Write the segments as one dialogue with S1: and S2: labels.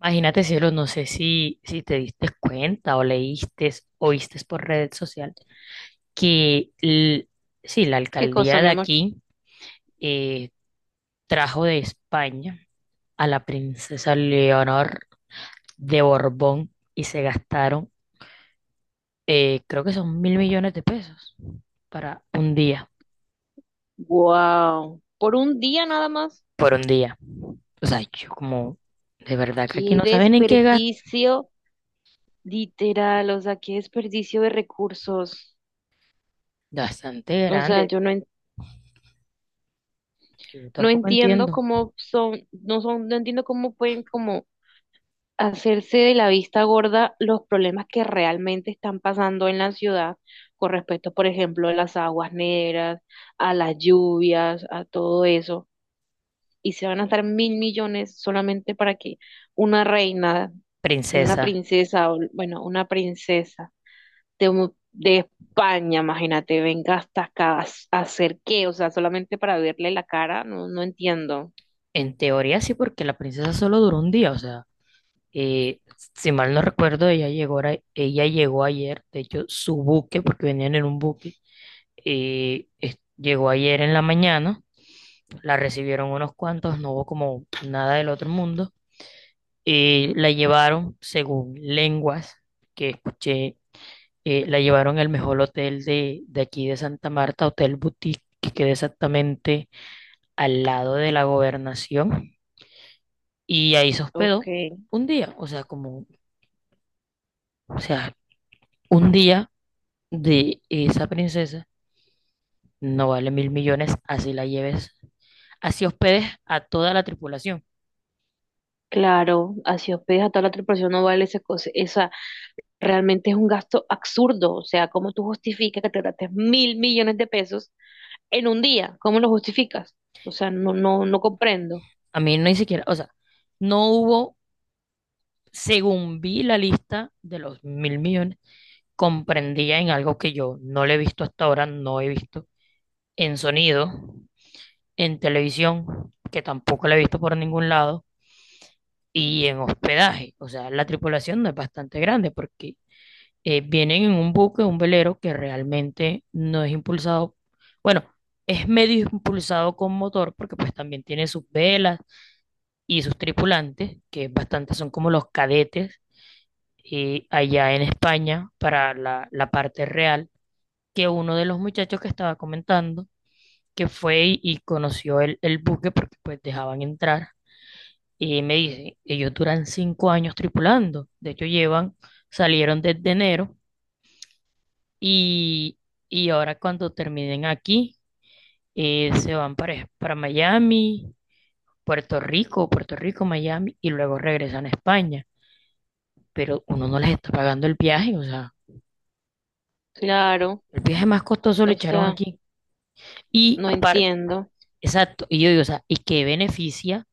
S1: Imagínate, cielo, no sé si te diste cuenta o leíste o viste por red social que l- sí, la
S2: ¿Qué cosa,
S1: alcaldía
S2: mi
S1: de
S2: amor?
S1: aquí eh, trajo de España a la princesa Leonor de Borbón y se gastaron, creo que son 1.000 millones de pesos para un día,
S2: Wow, por un día nada más.
S1: por un día. O sea, yo como, de verdad que aquí
S2: Qué
S1: no saben en qué gastan,
S2: desperdicio, literal, o sea, qué desperdicio de recursos.
S1: bastante
S2: O sea,
S1: grande,
S2: yo no,
S1: yo
S2: no
S1: tampoco
S2: entiendo
S1: entiendo.
S2: cómo son, no entiendo cómo pueden como hacerse de la vista gorda los problemas que realmente están pasando en la ciudad con respecto, por ejemplo, a las aguas negras, a las lluvias, a todo eso. Y se van a gastar mil millones solamente para que una reina, una
S1: Princesa.
S2: princesa, o, bueno, una princesa de, de España, imagínate, venga hasta acá a, a hacer qué, o sea, solamente para verle la cara, no, no entiendo.
S1: En teoría sí, porque la princesa solo duró un día, o sea, eh, si mal no recuerdo, ella llegó, ella llegó ayer, de hecho, su buque, porque venían en un buque, llegó ayer en la mañana, la recibieron unos cuantos, no hubo como nada del otro mundo, la llevaron, según lenguas que escuché, la llevaron al mejor hotel de aquí de Santa Marta, Hotel Boutique, que queda exactamente al lado de la gobernación. Y ahí se
S2: Ok,
S1: hospedó un día, o sea, como, o sea, un día de esa princesa no vale 1.000 millones, así la lleves, así hospedes a toda la tripulación.
S2: claro, así hospedas a toda la tripulación no vale esa cosa, esa realmente es un gasto absurdo, o sea, ¿cómo tú justificas que te gastes mil millones de pesos en un día? ¿Cómo lo justificas? O sea, no, no, no comprendo.
S1: A mí no ni siquiera, o sea, no hubo, según vi la lista de los 1.000 millones, comprendía en algo que yo no le he visto hasta ahora, no he visto en sonido, en televisión, que tampoco la he visto por ningún lado, y en hospedaje. O sea, la tripulación no es bastante grande porque vienen en un buque, un velero que realmente no es impulsado, bueno, es medio impulsado con motor porque pues también tiene sus velas y sus tripulantes, que bastante son como los cadetes allá en España para la parte real, que uno de los muchachos que estaba comentando, que fue y conoció el buque porque pues dejaban entrar. Y me dice, ellos duran 5 años tripulando. De hecho, llevan, salieron desde enero. Y, y ahora cuando terminen aquí, se van para Miami, Puerto Rico, Puerto Rico, Miami, y luego regresan a España. Pero uno no les está pagando el viaje, o sea,
S2: Claro,
S1: el viaje más costoso lo
S2: o
S1: echaron
S2: sea.
S1: aquí. Y
S2: No
S1: aparte,
S2: entiendo.
S1: exacto, y yo digo, o sea, ¿y qué beneficia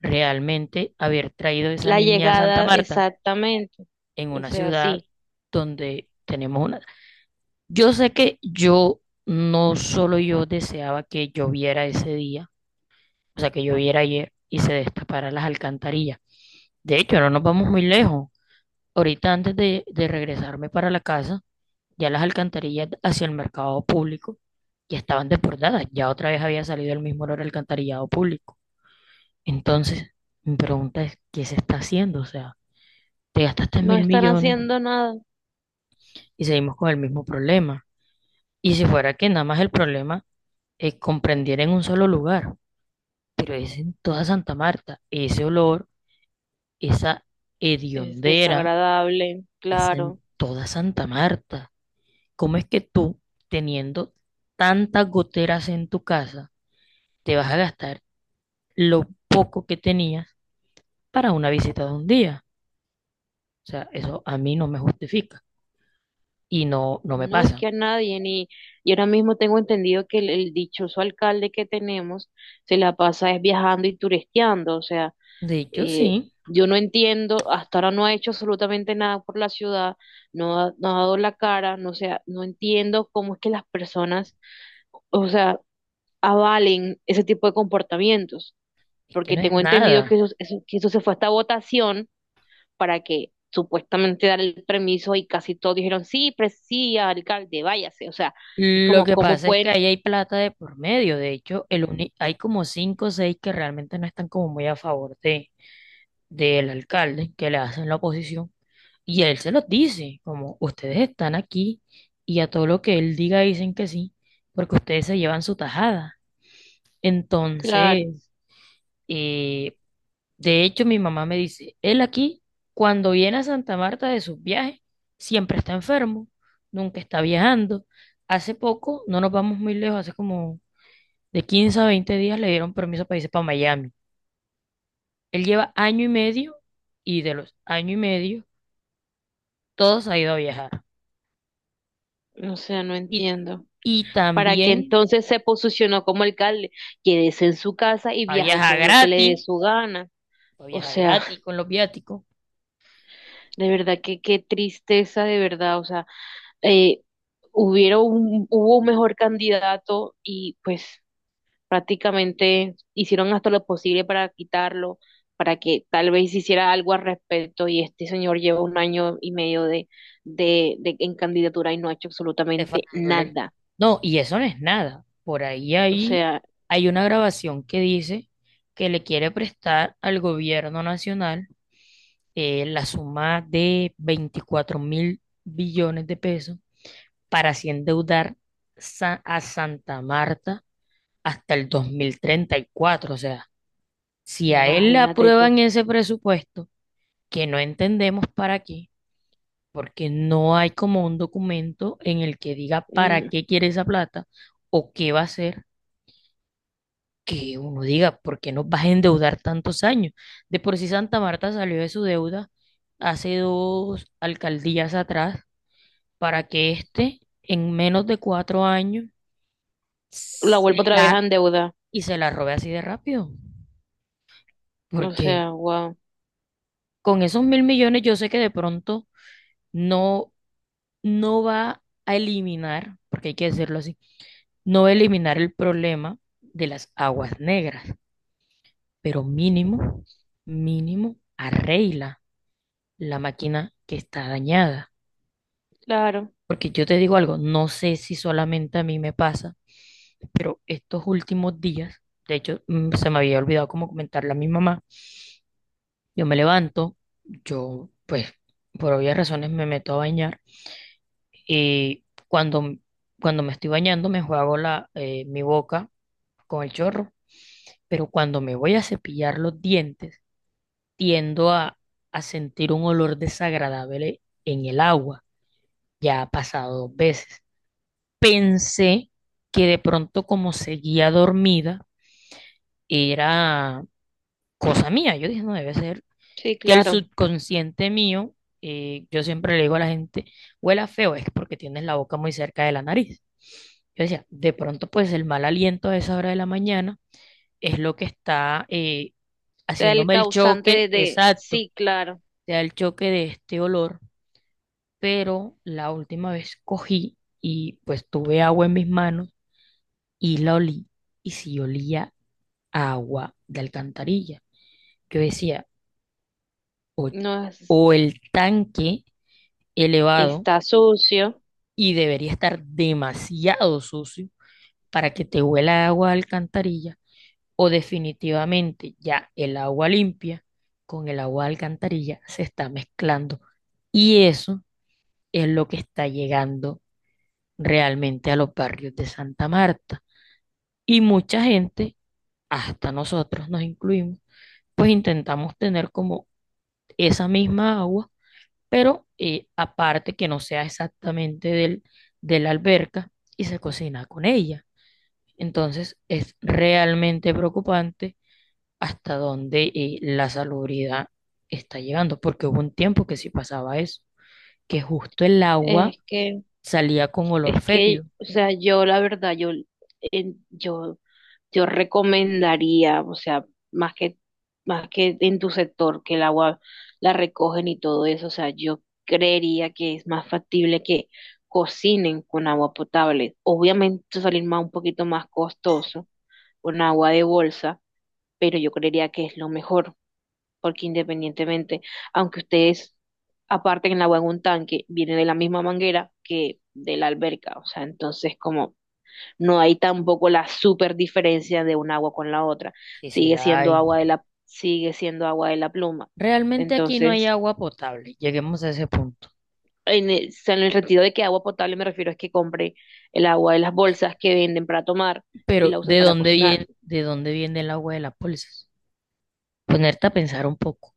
S1: realmente haber traído esa
S2: La
S1: niña a Santa
S2: llegada,
S1: Marta
S2: exactamente.
S1: en
S2: O
S1: una
S2: sea,
S1: ciudad
S2: sí,
S1: donde tenemos una. Yo sé que yo, no solo yo deseaba que lloviera ese día, o sea, que lloviera ayer y se destaparan las alcantarillas. De hecho, no nos vamos muy lejos. Ahorita antes de regresarme para la casa, ya las alcantarillas hacia el mercado público ya estaban desbordadas. Ya otra vez había salido el mismo olor al alcantarillado público. Entonces, mi pregunta es, ¿qué se está haciendo? O sea, te gastaste
S2: no
S1: mil
S2: están
S1: millones
S2: haciendo nada.
S1: y seguimos con el mismo problema. Y si fuera que nada más el problema es comprendiera en un solo lugar, pero es en toda Santa Marta. Ese olor esa
S2: Es
S1: hediondera
S2: desagradable,
S1: es
S2: claro.
S1: en toda Santa Marta. ¿Cómo es que tú, teniendo tantas goteras en tu casa, te vas a gastar lo poco que tenías para una visita de un día? O sea, eso a mí no me justifica y no, no me
S2: No es
S1: pasa.
S2: que a nadie, ni. Y ahora mismo tengo entendido que el dichoso alcalde que tenemos se la pasa es viajando y turisteando. O sea,
S1: De hecho,
S2: eh,
S1: sí,
S2: yo no entiendo, hasta ahora no ha hecho absolutamente nada por la ciudad, no ha dado la cara, no, o sea, no entiendo cómo es que las personas, o sea, avalen ese tipo de comportamientos.
S1: es que
S2: Porque
S1: no es
S2: tengo entendido que
S1: nada.
S2: que eso se fue hasta votación para que supuestamente dar el permiso y casi todos dijeron, sí, pres sí, alcalde, váyase. O sea, es
S1: Lo
S2: como,
S1: que
S2: ¿cómo
S1: pasa es que
S2: pueden?
S1: ahí hay plata de por medio. De hecho, hay como cinco o seis que realmente no están como muy a favor de, del alcalde, que le hacen la oposición. Y él se los dice, como ustedes están aquí y a todo lo que él diga dicen que sí, porque ustedes se llevan su tajada.
S2: Claro,
S1: Entonces, eh, de hecho, mi mamá me dice, él aquí, cuando viene a Santa Marta de sus viajes, siempre está enfermo, nunca está viajando. Hace poco, no nos vamos muy lejos, hace como de 15 a 20 días le dieron permiso para irse para Miami. Él lleva año y medio y de los año y medio, todos ha ido a viajar.
S2: o sea no
S1: Y
S2: entiendo.
S1: y
S2: Para que
S1: también
S2: entonces se posicionó como alcalde, quédese en su casa y
S1: pa'
S2: viaje
S1: viajar
S2: todo lo que le dé
S1: gratis,
S2: su gana.
S1: pa'
S2: O
S1: viajar
S2: sea,
S1: gratis con los viáticos,
S2: de verdad que qué tristeza, de verdad. O sea, eh, hubiera un, hubo un mejor candidato y pues prácticamente hicieron hasta lo posible para quitarlo, para que tal vez hiciera algo al respecto y este señor lleva un año y medio de, de en candidatura y no ha hecho
S1: te
S2: absolutamente
S1: faltan dólares.
S2: nada.
S1: No, y eso no es nada. Por ahí,
S2: O
S1: ahí
S2: sea,
S1: hay una grabación que dice que le quiere prestar al gobierno nacional la suma de 24.000 billones de pesos para así endeudar a Santa Marta hasta el 2034. O sea, si a él le
S2: imagínate tú.
S1: aprueban ese presupuesto, que no entendemos para qué, porque no hay como un documento en el que diga para
S2: Mm.
S1: qué quiere esa plata o qué va a hacer, que uno diga, ¿por qué nos vas a endeudar tantos años? De por sí Santa Marta salió de su deuda hace dos alcaldías atrás para que éste en menos de 4 años
S2: La
S1: se
S2: vuelvo otra vez a
S1: la,
S2: endeudar.
S1: y se la robe así de rápido,
S2: O
S1: porque
S2: sea, wow.
S1: con esos 1.000 millones yo sé que de pronto no, no va a eliminar, porque hay que decirlo así, no eliminar el problema de las aguas negras, pero mínimo, mínimo, arregla la máquina que está dañada.
S2: Claro,
S1: Porque yo te digo algo, no sé si solamente a mí me pasa, pero estos últimos días, de hecho, se me había olvidado como comentarle a mi mamá, yo me levanto, yo pues por obvias razones me meto a bañar y cuando me estoy bañando me juego mi boca con el chorro, pero cuando me voy a cepillar los dientes, tiendo a sentir un olor desagradable en el agua. Ya ha pasado 2 veces. Pensé que de pronto como seguía dormida, era cosa mía. Yo dije, no debe ser
S2: sí,
S1: que el
S2: claro. O
S1: subconsciente mío, yo siempre le digo a la gente, huela feo, es porque tienes la boca muy cerca de la nariz. Yo decía, de pronto pues el mal aliento a esa hora de la mañana es lo que está
S2: sea, el
S1: haciéndome el
S2: causante de,
S1: choque, exacto,
S2: sí, claro,
S1: te da el choque de este olor, pero la última vez cogí y pues tuve agua en mis manos y la olí y si olía a agua de alcantarilla. Yo decía, o,
S2: no es,
S1: o el tanque elevado
S2: está sucio.
S1: y debería estar demasiado sucio para que te huela a agua de alcantarilla o definitivamente ya el agua limpia con el agua de alcantarilla se está mezclando. Y eso es lo que está llegando realmente a los barrios de Santa Marta. Y mucha gente, hasta nosotros nos incluimos, pues intentamos tener como esa misma agua, pero aparte que no sea exactamente de la alberca y se cocina con ella. Entonces es realmente preocupante hasta dónde la salubridad está llegando, porque hubo un tiempo que sí pasaba eso, que justo el agua
S2: Es que
S1: salía con
S2: Es
S1: olor fétido.
S2: que, o sea, yo la verdad, yo, en- yo, recomendaría, o sea, más que, más que en tu sector, que el agua la recogen y todo eso, o sea, yo creería que es más factible que cocinen con agua potable. Obviamente salir más un poquito más costoso con agua de bolsa, pero yo creería que es lo mejor porque independientemente, aunque ustedes aparten el agua en un tanque, viene de la misma manguera que de la alberca, o sea, entonces como no hay tampoco la super diferencia de un agua con la otra,
S1: Sí, sí
S2: sigue
S1: la
S2: siendo
S1: hay.
S2: agua de la, sigue siendo agua de la pluma.
S1: Realmente aquí no
S2: Entonces,
S1: hay agua potable, lleguemos a ese punto.
S2: en el, o sea, en el sentido de que agua potable me refiero es que compre el agua de las bolsas que venden para tomar y
S1: Pero
S2: la usen para cocinar.
S1: de dónde viene el agua de las bolsas? Ponerte a pensar un poco.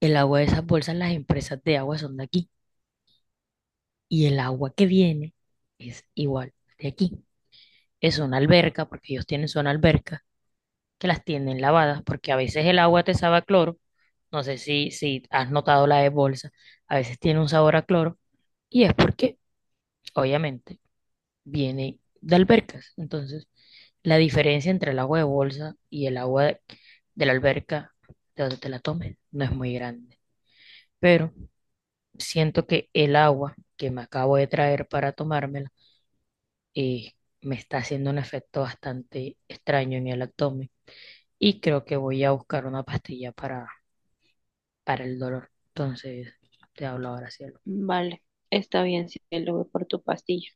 S1: El agua de esas bolsas, las empresas de agua son de aquí. Y el agua que viene es igual de aquí. Es una alberca, porque ellos tienen su alberca, que las tienen lavadas, porque a veces el agua te sabe a cloro. No sé si has notado la de bolsa. A veces tiene un sabor a cloro. Y es porque, obviamente, viene de albercas. Entonces, la diferencia entre el agua de bolsa y el agua de la alberca, de donde te la tomes, no es muy grande. Pero siento que el agua que me acabo de traer para tomármela eh, me está haciendo un efecto bastante extraño en el abdomen y creo que voy a buscar una pastilla para el dolor. Entonces, te hablo ahora sí.
S2: Vale, está bien, cielo, voy por tu pastilla.